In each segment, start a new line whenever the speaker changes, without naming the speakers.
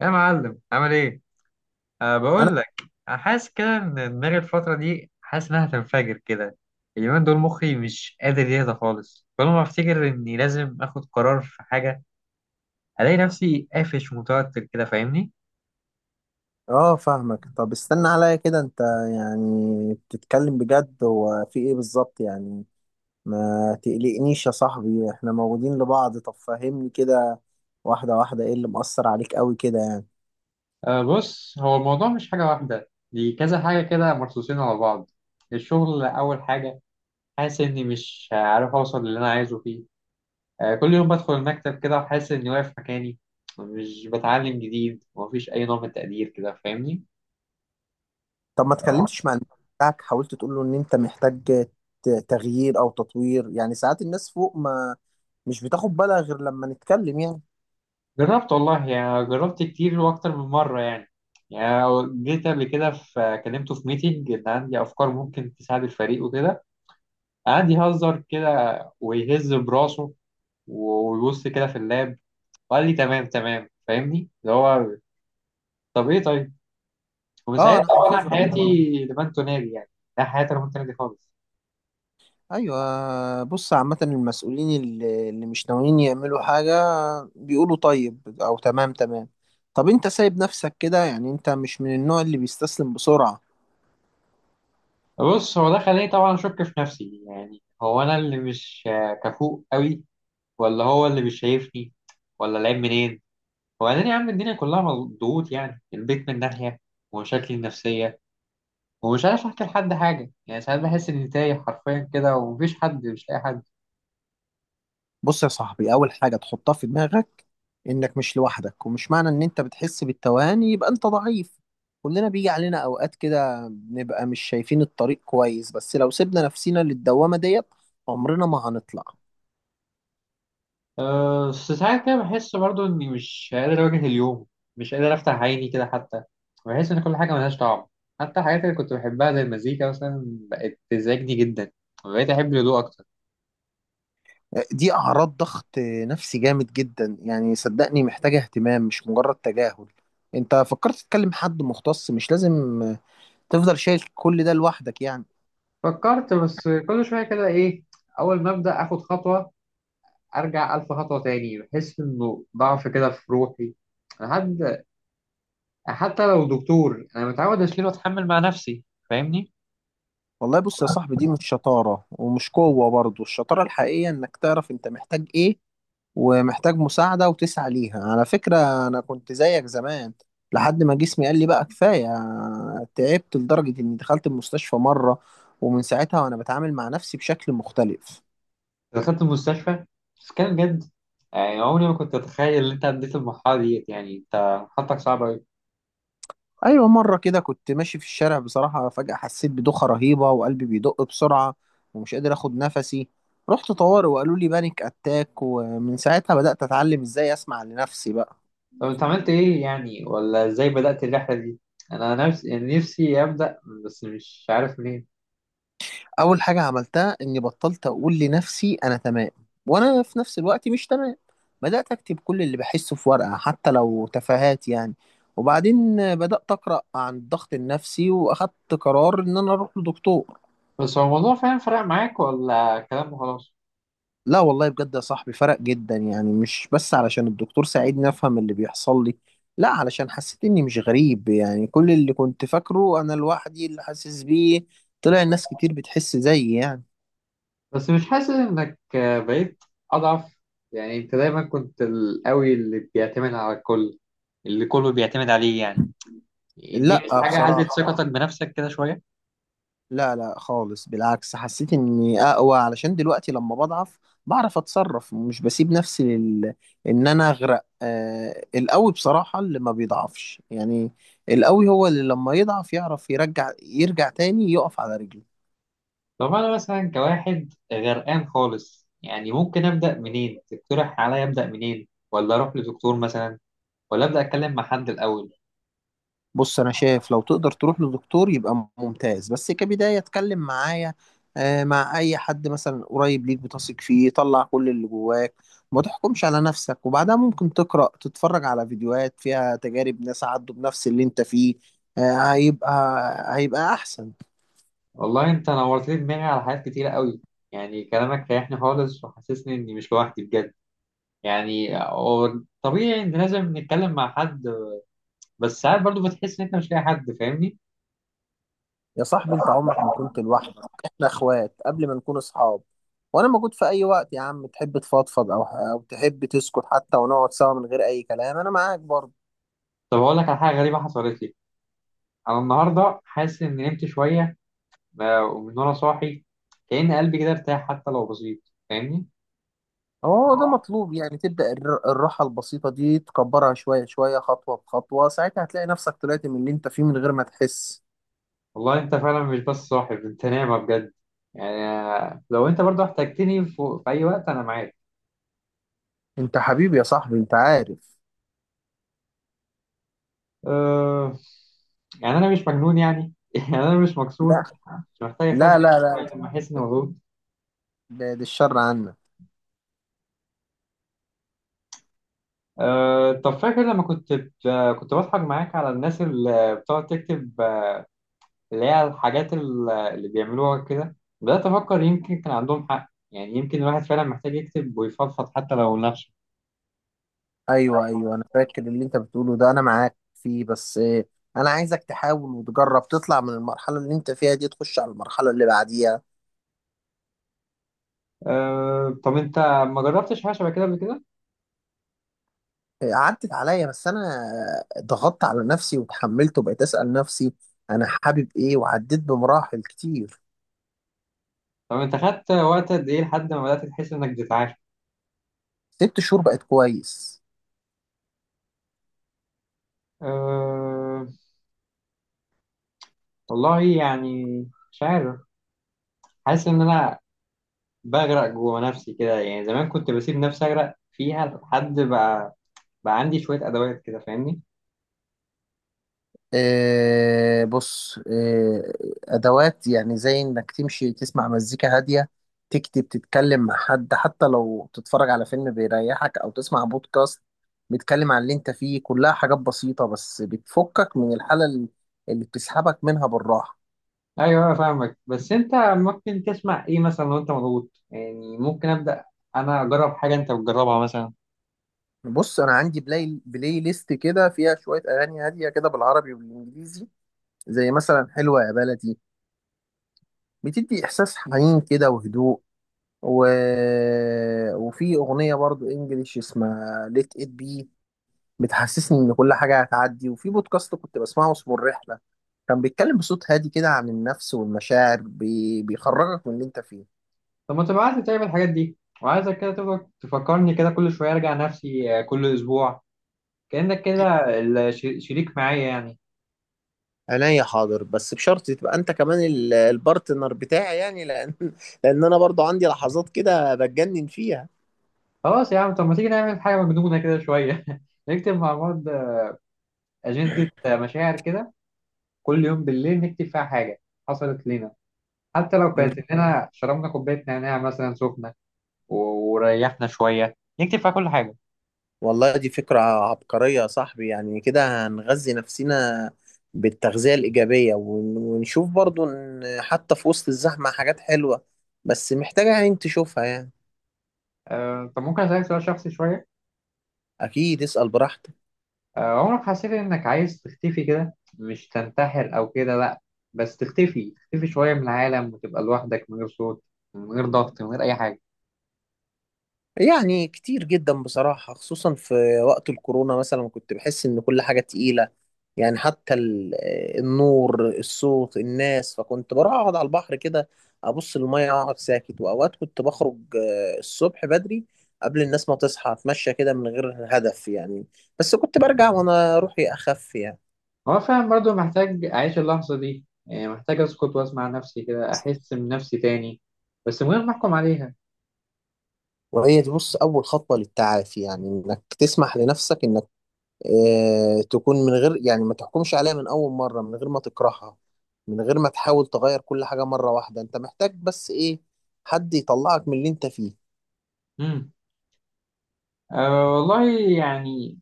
يا معلم، عامل ايه؟ أه،
انا.
بقول لك. حاسس كده ان دماغي الفترة دي، حاسس انها هتنفجر كده. اليومين دول مخي مش قادر يهدى خالص. كل ما افتكر اني لازم اخد قرار في حاجة، الاقي نفسي قافش ومتوتر كده، فاهمني؟
اه، فاهمك. طب استنى عليا كده انت، يعني بتتكلم بجد، هو في ايه بالظبط يعني؟ ما تقلقنيش يا صاحبي، احنا موجودين لبعض. طب فهمني كده، واحدة واحدة، ايه اللي مأثر عليك قوي كده يعني؟
آه، بص، هو الموضوع مش حاجة واحدة، دي كذا حاجة كده مرصوصين على بعض. الشغل أول حاجة، حاسس إني مش عارف أوصل للي أنا عايزه فيه. آه، كل يوم بدخل المكتب كده وحاسس إني واقف مكاني، مش بتعلم جديد ومفيش أي نوع من التقدير كده، فاهمني.
طب ما اتكلمتش مع الناس بتاعك؟ حاولت تقول له ان انت محتاج تغيير او تطوير، يعني ساعات الناس فوق، ما مش بتاخد بالها غير لما نتكلم يعني.
جربت والله، يعني جربت كتير واكتر من مره يعني. يعني جيت قبل كده في كلمته في ميتنج ان عندي افكار ممكن تساعد الفريق وكده. قعد يهزر كده ويهز براسه ويبص كده في اللاب، وقال لي تمام تمام، فاهمني؟ اللي هو طب ايه طيب. ومن
اه،
ساعتها
انا
طبعا
حافظها.
حياتي لمن تنادي يعني. لا، حياتي لمن تنادي خالص.
ايوه، بص، عامة المسؤولين اللي مش ناويين يعملوا حاجة بيقولوا طيب او تمام تمام. طب انت سايب نفسك كده يعني؟ انت مش من النوع اللي بيستسلم بسرعة.
بص، هو ده خلاني طبعا اشك في نفسي. يعني هو انا اللي مش كفؤ قوي، ولا هو اللي مش شايفني، ولا العيب منين؟ وبعدين يا عم، الدنيا كلها مضغوط يعني. البيت من ناحية، ومشاكلي النفسية، ومش عارف أحكي لحد حاجة. يعني ساعات بحس إني تايه حرفيا كده ومفيش حد، مش لاقي حد.
بص يا صاحبي، اول حاجة تحطها في دماغك انك مش لوحدك، ومش معنى ان انت بتحس بالتوهان يبقى انت ضعيف. كلنا بيجي علينا اوقات كده بنبقى مش شايفين الطريق كويس، بس لو سيبنا نفسنا للدوامة ديت عمرنا ما هنطلع.
أه، بس ساعات كده بحس برضو إني مش قادر أواجه اليوم، مش قادر أفتح عيني كده حتى. بحس إن كل حاجة ملهاش طعم، حتى الحاجات اللي كنت بحبها زي المزيكا مثلا، بقت تزعجني جدا، وبقيت أحب الهدوء أكتر.
دي أعراض ضغط نفسي جامد جدا، يعني صدقني محتاجة اهتمام مش مجرد تجاهل. انت فكرت تتكلم حد مختص؟ مش لازم تفضل شايل كل ده لوحدك يعني.
فكرت، بس كل شوية كده إيه، أول ما أبدأ آخد خطوة، ارجع الف خطوه تاني. بحس انه ضعف كده في روحي. انا حد، حتى لو دكتور، انا متعود اشيل واتحمل مع نفسي، فاهمني.
والله، بص يا صاحبي، دي مش شطارة ومش قوة برضه، الشطارة الحقيقية انك تعرف انت محتاج ايه ومحتاج مساعدة وتسعى ليها. على فكرة، انا كنت زيك زمان لحد ما جسمي قال لي بقى كفاية. تعبت لدرجة اني دخلت المستشفى مرة، ومن ساعتها وانا بتعامل مع نفسي بشكل مختلف.
دخلت المستشفى؟ بس كان بجد؟ يعني عمري ما كنت اتخيل ان انت عديت المرحله ديت. يعني انت حالتك صعبه قوي.
ايوه، مره كده كنت ماشي في الشارع بصراحه، فجاه حسيت بدوخه رهيبه وقلبي بيدق بسرعه ومش قادر اخد نفسي. رحت طوارئ وقالوا لي بانيك اتاك، ومن ساعتها بدات اتعلم ازاي اسمع لنفسي بقى.
طب انت عملت ايه يعني؟ ولا ازاي بدات الرحله دي؟ انا نفسي، يعني نفسي ابدا، بس مش عارف منين.
اول حاجه عملتها اني بطلت اقول لنفسي انا تمام، وانا في نفس الوقت مش تمام. بدات اكتب كل اللي بحسه في ورقه حتى لو تفاهات يعني، وبعدين بدات اقرا عن الضغط النفسي واخدت قرار ان انا اروح لدكتور.
بس هو الموضوع فعلا فرق معاك، ولا كلام وخلاص؟
لا والله، بجد يا صاحبي، فرق جدا، يعني مش بس علشان الدكتور ساعدني افهم اللي بيحصل لي، لا علشان حسيت اني مش غريب، يعني كل اللي كنت فاكره انا لوحدي اللي حاسس بيه، طلع الناس كتير بتحس زيي يعني.
بس مش حاسس انك بقيت اضعف؟ يعني انت دايما كنت القوي اللي بيعتمد على الكل، اللي كله بيعتمد عليه يعني. دي مش
لا
حاجة هزت
بصراحة،
ثقتك بنفسك كده شوية؟
لا، لا، خالص، بالعكس حسيت اني اقوى، علشان دلوقتي لما بضعف بعرف اتصرف، مش بسيب نفسي ان انا اغرق. القوي بصراحة اللي ما بيضعفش يعني، القوي هو اللي لما يضعف يعرف يرجع تاني يقف على رجله.
طب انا مثلا كواحد غرقان خالص يعني، ممكن ابدأ منين؟ تقترح عليا ابدأ منين؟ ولا اروح لدكتور مثلا، ولا ابدأ اتكلم مع حد الاول؟
بص، انا شايف لو تقدر تروح لدكتور يبقى ممتاز، بس كبداية اتكلم معايا، مع اي حد مثلا قريب ليك بتثق فيه، طلع كل اللي جواك. ما تحكمش على نفسك، وبعدها ممكن تقرأ تتفرج على فيديوهات فيها تجارب ناس عدوا بنفس اللي انت فيه. آه، هيبقى هيبقى احسن.
والله انت نورت لي دماغي على حاجات كتيرة قوي. يعني كلامك ريحني خالص وحسسني اني مش لوحدي بجد. يعني هو طبيعي ان لازم نتكلم مع حد، بس ساعات برضو بتحس ان انت مش لاقي حد، فاهمني.
يا صاحبي، انت عمرك ما كنت لوحدك، احنا اخوات قبل ما نكون اصحاب. وانا موجود في اي وقت يا عم، تحب تفضفض او تحب تسكت حتى، ونقعد سوا من غير اي كلام، انا معاك برضه.
طب اقول لك على حاجه غريبه حصلت لي. انا النهارده حاسس اني نمت شويه. ومن وانا صاحي، كأن قلبي كده ارتاح، حتى لو بسيط، فاهمني.
هو ده مطلوب، يعني تبدأ الراحة البسيطة دي تكبرها شوية شوية خطوة بخطوة، ساعتها هتلاقي نفسك طلعت من اللي انت فيه من غير ما تحس.
والله انت فعلا مش بس صاحي، انت نايمه بجد. يعني آه، لو انت برضو احتجتني في اي وقت انا معاك.
انت حبيبي يا صاحبي، انت عارف.
أه... يعني انا مش مجنون يعني يعني انا مش مكسور،
لا،
مش محتاج
لا،
اخبي
لا، لا،
لما احس اني مضغوط.
بعد الشر عنا.
طب فاكر لما كنت بضحك معاك على الناس اللي بتقعد تكتب، اللي هي الحاجات اللي بيعملوها كده؟ بدأت أفكر يمكن كان عندهم حق. يعني يمكن الواحد فعلا محتاج يكتب ويفضفض حتى لو لنفسه.
ايوه، ايوه، انا فاكر اللي انت بتقوله ده، انا معاك فيه، بس انا عايزك تحاول وتجرب تطلع من المرحلة اللي انت فيها دي، تخش على المرحلة اللي بعديها.
أه طب أنت، ما جربتش حاجة شبه كده قبل كده؟
اه، عدت عليا، بس انا اه، ضغطت على نفسي وتحملت وبقيت اسأل نفسي انا حابب ايه، وعديت بمراحل كتير.
طب أنت خدت وقت قد إيه لحد ما بدأت تحس إنك بتتعافى؟
6 شهور بقت كويس.
أه، والله يعني مش عارف. حاسس إن أنا بغرق جوه نفسي كده. يعني زمان كنت بسيب نفسي أغرق فيها، لحد بقى بقى عندي شوية أدوات كده، فاهمني؟
آه، بص، أدوات يعني زي إنك تمشي تسمع مزيكا هادية، تكتب، تتكلم مع حد، حتى لو تتفرج على فيلم بيريحك أو تسمع بودكاست بيتكلم عن اللي أنت فيه، كلها حاجات بسيطة بس بتفكك من الحالة اللي بتسحبك منها بالراحة.
ايوه انا فاهمك، بس انت ممكن تسمع ايه مثلا لو انت مضغوط؟ يعني ممكن ابدا انا اجرب حاجه انت بتجربها مثلا.
بص، أنا عندي بلاي ليست كده فيها شوية أغاني هادية كده بالعربي والإنجليزي، زي مثلا حلوة يا بلدي، بتدي إحساس حنين كده وهدوء. و... وفي اغنيه برضو انجليش اسمها ليت ات بي، بتحسسني ان كل حاجه هتعدي. وفي بودكاست كنت بسمعه اسمه الرحله، كان بيتكلم بصوت هادي كده عن النفس والمشاعر، بيخرجك من اللي انت فيه.
طب ما تبعت لي طيب الحاجات دي، وعايزك كده تفكر تفكرني كده كل شويه ارجع نفسي. آه، كل اسبوع، كانك كده شريك معايا يعني.
عينيا حاضر، بس بشرط تبقى انت كمان البارتنر بتاعي يعني، لان لان انا برضو عندي لحظات كده بتجنن فيها.
خلاص يا عم، طب ما تيجي نعمل حاجه مجنونه كده شويه نكتب مع بعض اجنده مشاعر كده. كل يوم بالليل نكتب فيها حاجه حصلت لنا، حتى لو كانت اننا شربنا كوبايه نعناع مثلا سخنه وريحنا شويه، نكتب فيها كل حاجه.
والله دي فكرة عبقرية يا صاحبي، يعني كده هنغذي نفسنا بالتغذية الإيجابية، ونشوف برضو إن حتى في وسط الزحمة حاجات حلوة، بس محتاجة عين تشوفها يعني.
آه، طب ممكن أسألك سؤال شخصي شوية؟
أكيد، اسأل براحتك.
آه، عمرك حسيت إنك عايز تختفي كده؟ مش تنتحر أو كده، لأ، بس تختفي، تختفي شوية من العالم، وتبقى لوحدك من غير صوت، من غير ضغط، من غير أي حاجة.
يعني كتير جدا بصراحة، خصوصا في وقت الكورونا مثلا كنت بحس إن كل حاجة تقيلة، يعني حتى النور الصوت الناس، فكنت بروح أقعد على البحر كده، أبص للمية أقعد ساكت، وأوقات كنت بخرج الصبح بدري قبل الناس ما تصحى أتمشى كده من غير هدف يعني، بس كنت برجع وأنا روحي أخف يعني.
هو فعلا برضو محتاج أعيش اللحظة دي. يعني محتاج أسكت وأسمع نفسي كده، أحس بنفسي تاني، بس من غير ما أحكم عليها.
وهي دي بص أول خطوة للتعافي، يعني إنك تسمح لنفسك إنك تكون من غير، يعني ما تحكمش عليها من أول مرة، من غير ما تكرهها، من غير ما تحاول تغير كل حاجة مرة واحدة. أنت محتاج بس إيه؟ حد يطلعك من اللي أنت فيه.
مم. أه والله. يعني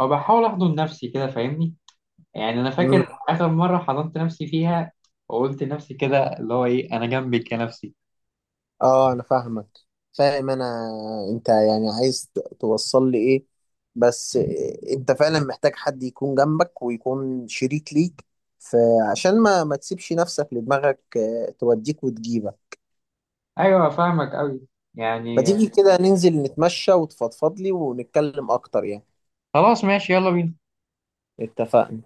أو بحاول أحضن نفسي كده، فاهمني. يعني أنا
مم.
فاكر آخر مرة حضنت نفسي فيها، وقلت لنفسي كده اللي هو إيه، أنا جنبك يا نفسي.
آه، أنا فاهمك، فاهم أنا. أنت يعني عايز توصل لي إيه؟ بس أنت فعلا محتاج حد يكون جنبك ويكون شريك ليك، فعشان ما تسيبش نفسك لدماغك توديك وتجيبك.
ايوه فاهمك قوي
ما
يعني.
تيجي كده ننزل نتمشى وتفضفض لي ونتكلم أكتر يعني؟
خلاص، ماشي، يلا بينا.
اتفقنا.